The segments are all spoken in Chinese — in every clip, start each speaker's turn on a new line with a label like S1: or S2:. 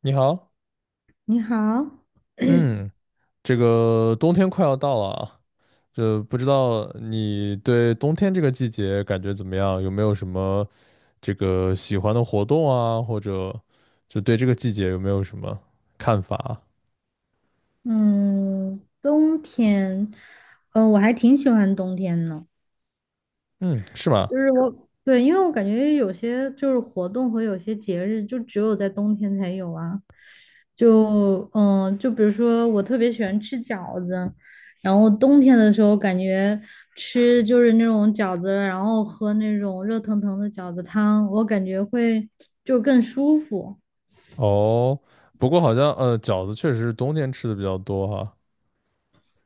S1: 你好，
S2: 你好。
S1: 嗯，这个冬天快要到了啊。这不知道你对冬天这个季节感觉怎么样？有没有什么这个喜欢的活动啊，或者就对这个季节有没有什么看法啊？
S2: 嗯，冬天，我还挺喜欢冬天呢。
S1: 嗯，是吗？
S2: 就是我，对，因为我感觉有些活动和有些节日就只有在冬天才有啊。就比如说我特别喜欢吃饺子，然后冬天的时候感觉吃那种饺子，然后喝那种热腾腾的饺子汤，我感觉会就更舒服。
S1: 哦，不过好像饺子确实是冬天吃的比较多哈。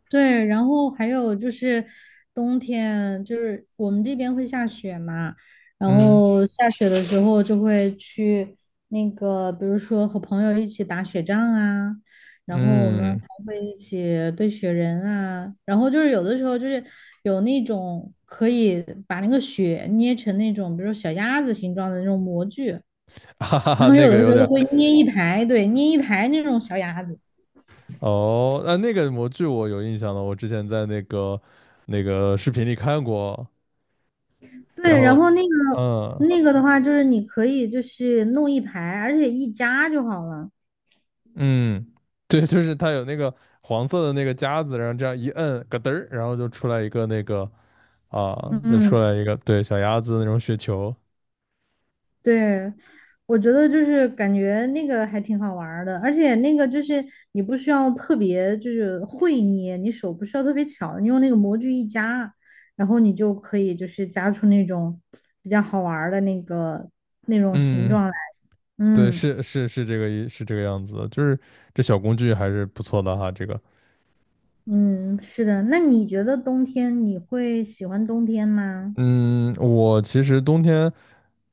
S2: 对，然后还有冬天，就是我们这边会下雪嘛，然
S1: 嗯
S2: 后下雪的时候就会去比如说和朋友一起打雪仗啊，然后我们
S1: 嗯。
S2: 还会一起堆雪人啊，然后有的时候有那种可以把那个雪捏成那种，比如说小鸭子形状的那种模具，
S1: 哈哈
S2: 然
S1: 哈，
S2: 后
S1: 那
S2: 有
S1: 个
S2: 的
S1: 有
S2: 时候
S1: 点。
S2: 会捏一排，对，捏一排那种小鸭子。
S1: 哦，那个模具我有印象的，我之前在那个视频里看过。然
S2: 对，然
S1: 后。
S2: 后那个
S1: 嗯
S2: 那个的话，就是你可以弄一排，而且一夹就好了。
S1: 嗯，对，就是它有那个黄色的那个夹子，然后这样一摁，咯噔儿，啊，就出
S2: 嗯，
S1: 来一个对小鸭子那种雪球。
S2: 对，我觉得感觉那个还挺好玩儿的，而且那个你不需要特别会捏，你手不需要特别巧，你用那个模具一夹，然后你就可以夹出那种比较好玩儿的那种形
S1: 嗯，
S2: 状来。
S1: 对，
S2: 嗯
S1: 是是是这个意是这个样子的，就是这小工具还是不错的哈。这个，
S2: 嗯，是的。那你觉得冬天你会喜欢冬天吗？
S1: 嗯，我其实冬天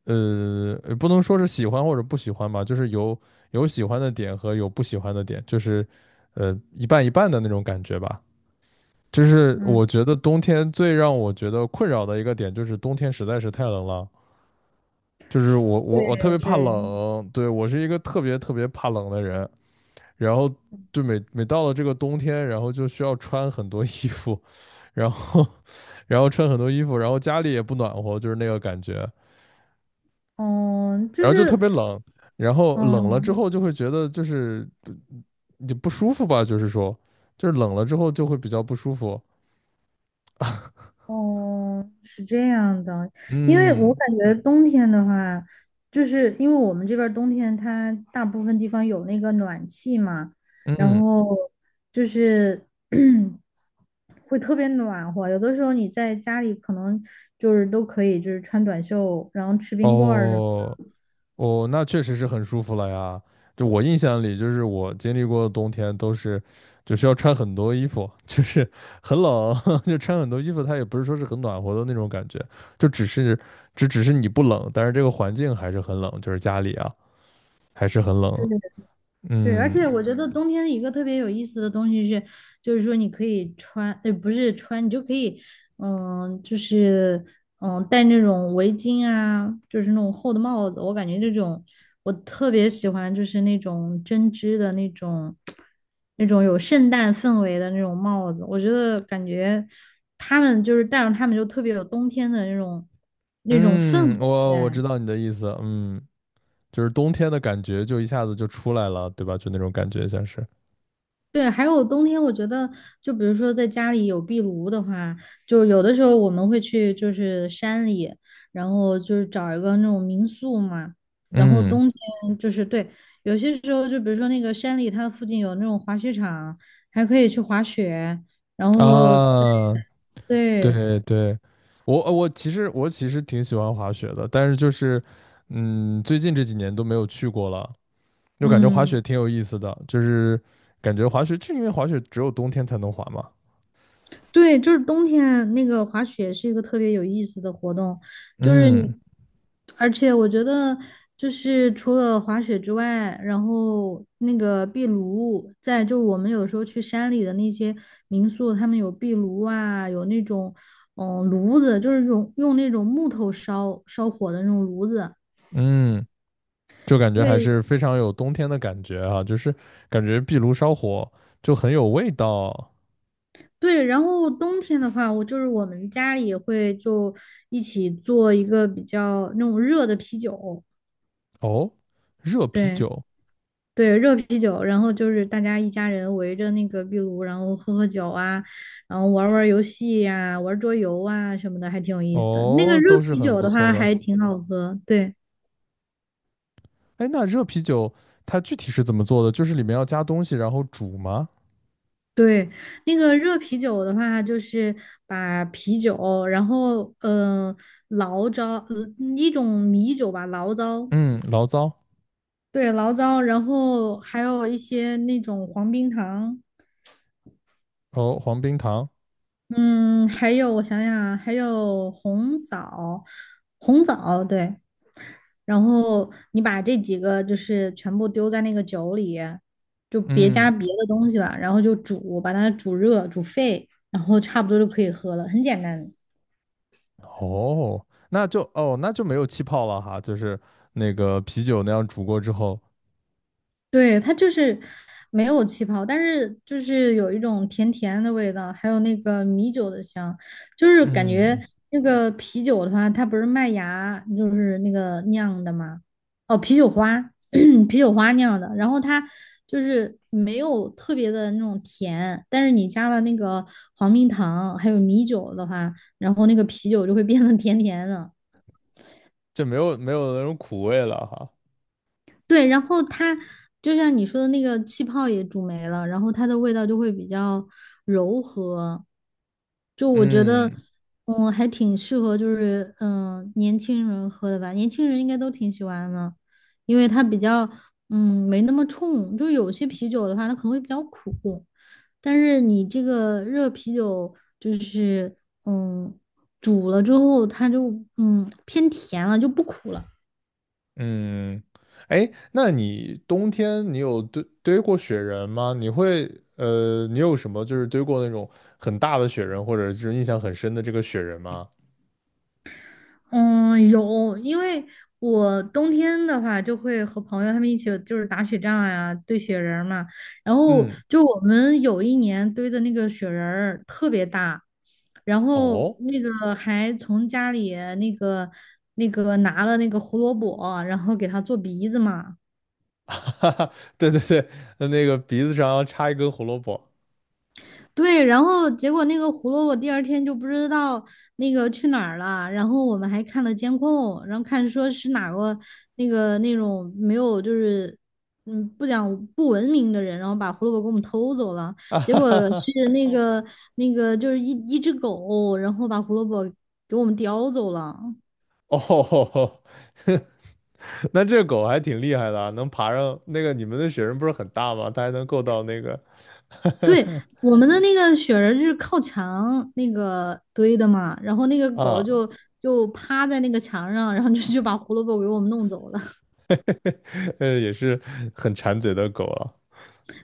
S1: 不能说是喜欢或者不喜欢吧，就是有喜欢的点和有不喜欢的点，就是一半一半的那种感觉吧。就是
S2: 嗯，
S1: 我觉得冬天最让我觉得困扰的一个点，就是冬天实在是太冷了。就是我特
S2: 对
S1: 别怕
S2: 对。
S1: 冷，对，我是一个特别特别怕冷的人。然后就每每到了这个冬天，然后就需要穿很多衣服，然后 然后穿很多衣服，然后家里也不暖和，就是那个感觉，
S2: 嗯，就
S1: 然后就特
S2: 是，
S1: 别冷。然后冷了之
S2: 嗯，
S1: 后就会觉得，就是你不舒服吧，就是说，就是冷了之后就会比较不舒服。
S2: 哦，是这样的，因为我
S1: 嗯
S2: 感觉冬天的话，就是因为我们这边儿冬天它大部分地方有那个暖气嘛，然
S1: 嗯。
S2: 后就是 会特别暖和，有的时候你在家里可能都可以穿短袖，然后吃冰棍儿什么。
S1: 哦。哦，那确实是很舒服了呀。就我印象里，就是我经历过的冬天都是，就需要穿很多衣服，就是很冷，就穿很多衣服。它也不是说是很暖和的那种感觉，就只是，只是你不冷，但是这个环境还是很冷，就是家里啊还是很冷。
S2: 对，而
S1: 嗯
S2: 且我觉得冬天一个特别有意思的东西是，就是说你可以穿，不是穿，你就可以，嗯，就是戴那种围巾啊，就是那种厚的帽子。我感觉这种我特别喜欢，就是那种针织的那种，那种有圣诞氛围的那种帽子。我觉得感觉他们戴上他们就特别有冬天的那种氛
S1: 嗯，
S2: 围
S1: 我知
S2: 在。
S1: 道你的意思。嗯，就是冬天的感觉就一下子就出来了，对吧？就那种感觉像是，
S2: 对，还有冬天，我觉得就比如说在家里有壁炉的话，就有的时候我们会去山里，然后找一个那种民宿嘛。然后
S1: 嗯
S2: 冬天对，有些时候就比如说那个山里，它附近有那种滑雪场，还可以去滑雪。然后在
S1: 啊，
S2: 对，
S1: 对对，我其实挺喜欢滑雪的，但是就是最近这几年都没有去过了，就感觉滑
S2: 嗯。
S1: 雪挺有意思的，就是感觉滑雪，就因为滑雪只有冬天才能滑嘛。
S2: 对，就是冬天那个滑雪是一个特别有意思的活动，就是
S1: 嗯
S2: 你，而且我觉得除了滑雪之外，然后那个壁炉，在就我们有时候去山里的那些民宿，他们有壁炉啊，有那种炉子，就是用那种木头烧火的那种炉子。
S1: 嗯。就感觉还
S2: 对
S1: 是非常有冬天的感觉啊，就是感觉壁炉烧火就很有味道。
S2: 对，然后冬天的话，我就是我们家里也会就一起做一个比较那种热的啤酒，
S1: 哦，热啤
S2: 对。
S1: 酒。
S2: 对，热啤酒，然后就是大家一家人围着那个壁炉，然后喝喝酒啊，然后玩儿玩儿游戏呀、玩儿桌游啊什么的，还挺有意思的。那个
S1: 哦，
S2: 热
S1: 都是
S2: 啤
S1: 很
S2: 酒
S1: 不
S2: 的
S1: 错
S2: 话
S1: 的。
S2: 还挺好喝。对
S1: 哎，那热啤酒它具体是怎么做的？就是里面要加东西然后煮吗？
S2: 对，那个热啤酒的话就是把啤酒，然后醪糟，一种米酒吧，醪糟，
S1: 嗯，醪糟。
S2: 对，醪糟，然后还有一些那种黄冰糖。
S1: 哦，黄冰糖，
S2: 嗯，还有我想想啊，还有红枣，红枣，对，然后你把这几个全部丢在那个酒里，就别
S1: 嗯。
S2: 加别的东西了，然后就煮，把它煮热，煮沸，然后差不多就可以喝了，很简单。
S1: 哦，那就没有气泡了哈，就是那个啤酒那样煮过之后。
S2: 对，它就是没有气泡，但是就是有一种甜甜的味道，还有那个米酒的香，就是感觉
S1: 嗯。
S2: 那个啤酒的话，它不是麦芽就是那个酿的嘛，哦，啤酒花，啤酒花酿的，然后它就是没有特别的那种甜，但是你加了那个黄冰糖还有米酒的话，然后那个啤酒就会变得甜甜的。
S1: 就没有没有那种苦味了哈。
S2: 对，然后它就像你说的那个气泡也煮没了，然后它的味道就会比较柔和。就我觉得，
S1: 嗯
S2: 还挺适合，就是年轻人喝的吧，年轻人应该都挺喜欢的，因为它比较没那么冲。就有些啤酒的话，它可能会比较苦，但是你这个热啤酒就是嗯煮了之后，它就偏甜了，就不苦了。
S1: 嗯。哎，那你冬天你有堆过雪人吗？你有什么就是堆过那种很大的雪人，或者是印象很深的这个雪人吗？
S2: 嗯，有，因为我冬天的话就会和朋友他们一起打雪仗呀、堆雪人儿嘛。然后
S1: 嗯，
S2: 就我们有一年堆的那个雪人儿特别大，然后
S1: 哦。
S2: 那个还从家里那个拿了那个胡萝卜，然后给它做鼻子嘛。
S1: 哈哈，对对对，那个鼻子上要插一根胡萝卜。
S2: 对，然后结果那个胡萝卜第二天就不知道那个去哪儿了，然后我们还看了监控，然后看说是哪个那个那种没有就是嗯不讲不文明的人，然后把胡萝卜给我们偷走了，
S1: 啊
S2: 结
S1: 哈
S2: 果
S1: 哈哈。
S2: 是那个就是一只狗，然后把胡萝卜给我们叼走了。
S1: 哦。那这狗还挺厉害的啊，能爬上那个，你们的雪人不是很大吗？它还能够到那个。
S2: 对，我们的那个雪人就是靠墙那个堆的嘛，然后那个狗
S1: 啊，
S2: 就趴在那个墙上，然后就把胡萝卜给我们弄走了。
S1: 也是很馋嘴的狗了。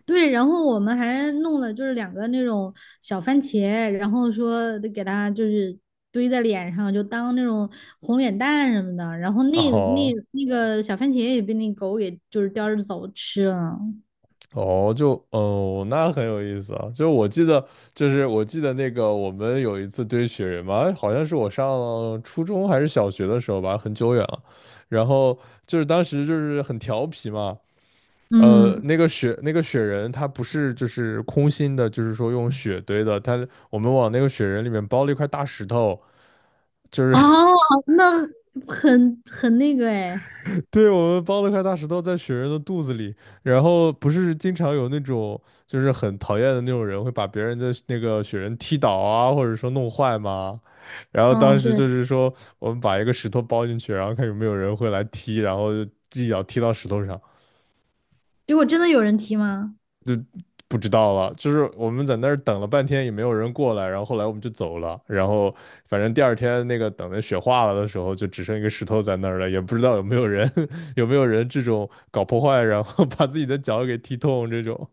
S2: 对，然后我们还弄了两个那种小番茄，然后说得给它堆在脸上，就当那种红脸蛋什么的。然后那
S1: 哦
S2: 那那个小番茄也被那狗给叼着走吃了。
S1: 哦，就哦，那很有意思啊。就是我记得，那个我们有一次堆雪人嘛，好像是我上初中还是小学的时候吧，很久远了。然后就是当时就是很调皮嘛，
S2: 嗯，
S1: 那个雪人，它不是就是空心的，就是说用雪堆的。它我们往那个雪人里面包了一块大石头，就是
S2: 哦，那很那个哎。
S1: 对，我们包了一块大石头在雪人的肚子里。然后不是经常有那种就是很讨厌的那种人会把别人的那个雪人踢倒啊，或者说弄坏吗？然后当
S2: 嗯，
S1: 时
S2: 对，
S1: 就是说我们把一个石头包进去，然后看有没有人会来踢，然后就一脚踢到石头上。
S2: 结果真的有人踢吗？
S1: 不知道了，就是我们在那儿等了半天也没有人过来，然后后来我们就走了，然后反正第二天那个等的雪化了的时候，就只剩一个石头在那儿了，也不知道有没有人 有没有人这种搞破坏，然后把自己的脚给踢痛这种。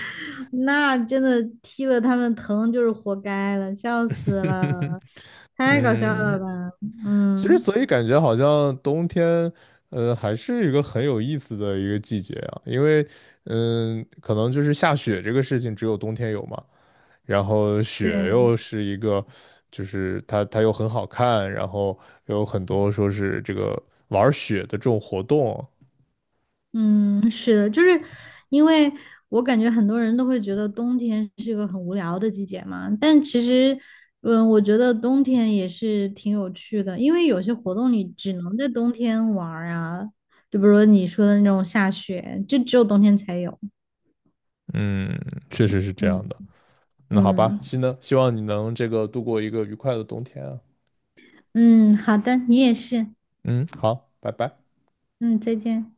S2: 那真的踢了他们疼就是活该了，笑死了，太搞笑了
S1: 嗯，
S2: 吧？
S1: 其实
S2: 嗯，
S1: 所以感觉好像冬天，还是一个很有意思的一个季节啊，因为可能就是下雪这个事情只有冬天有嘛，然后雪
S2: 对。
S1: 又是一个，就是它又很好看，然后有很多说是这个玩儿雪的这种活动。
S2: 嗯，是的，因为我感觉很多人都会觉得冬天是一个很无聊的季节嘛，但其实，嗯，我觉得冬天也是挺有趣的，因为有些活动你只能在冬天玩儿啊，就比如说你说的那种下雪，就只有冬天才有。
S1: 嗯，确实是这
S2: 嗯
S1: 样的。那好吧，
S2: 嗯
S1: 希望你能这个度过一个愉快的冬天啊。
S2: 嗯，好的，你也是。
S1: 嗯，好，拜拜。
S2: 嗯，再见。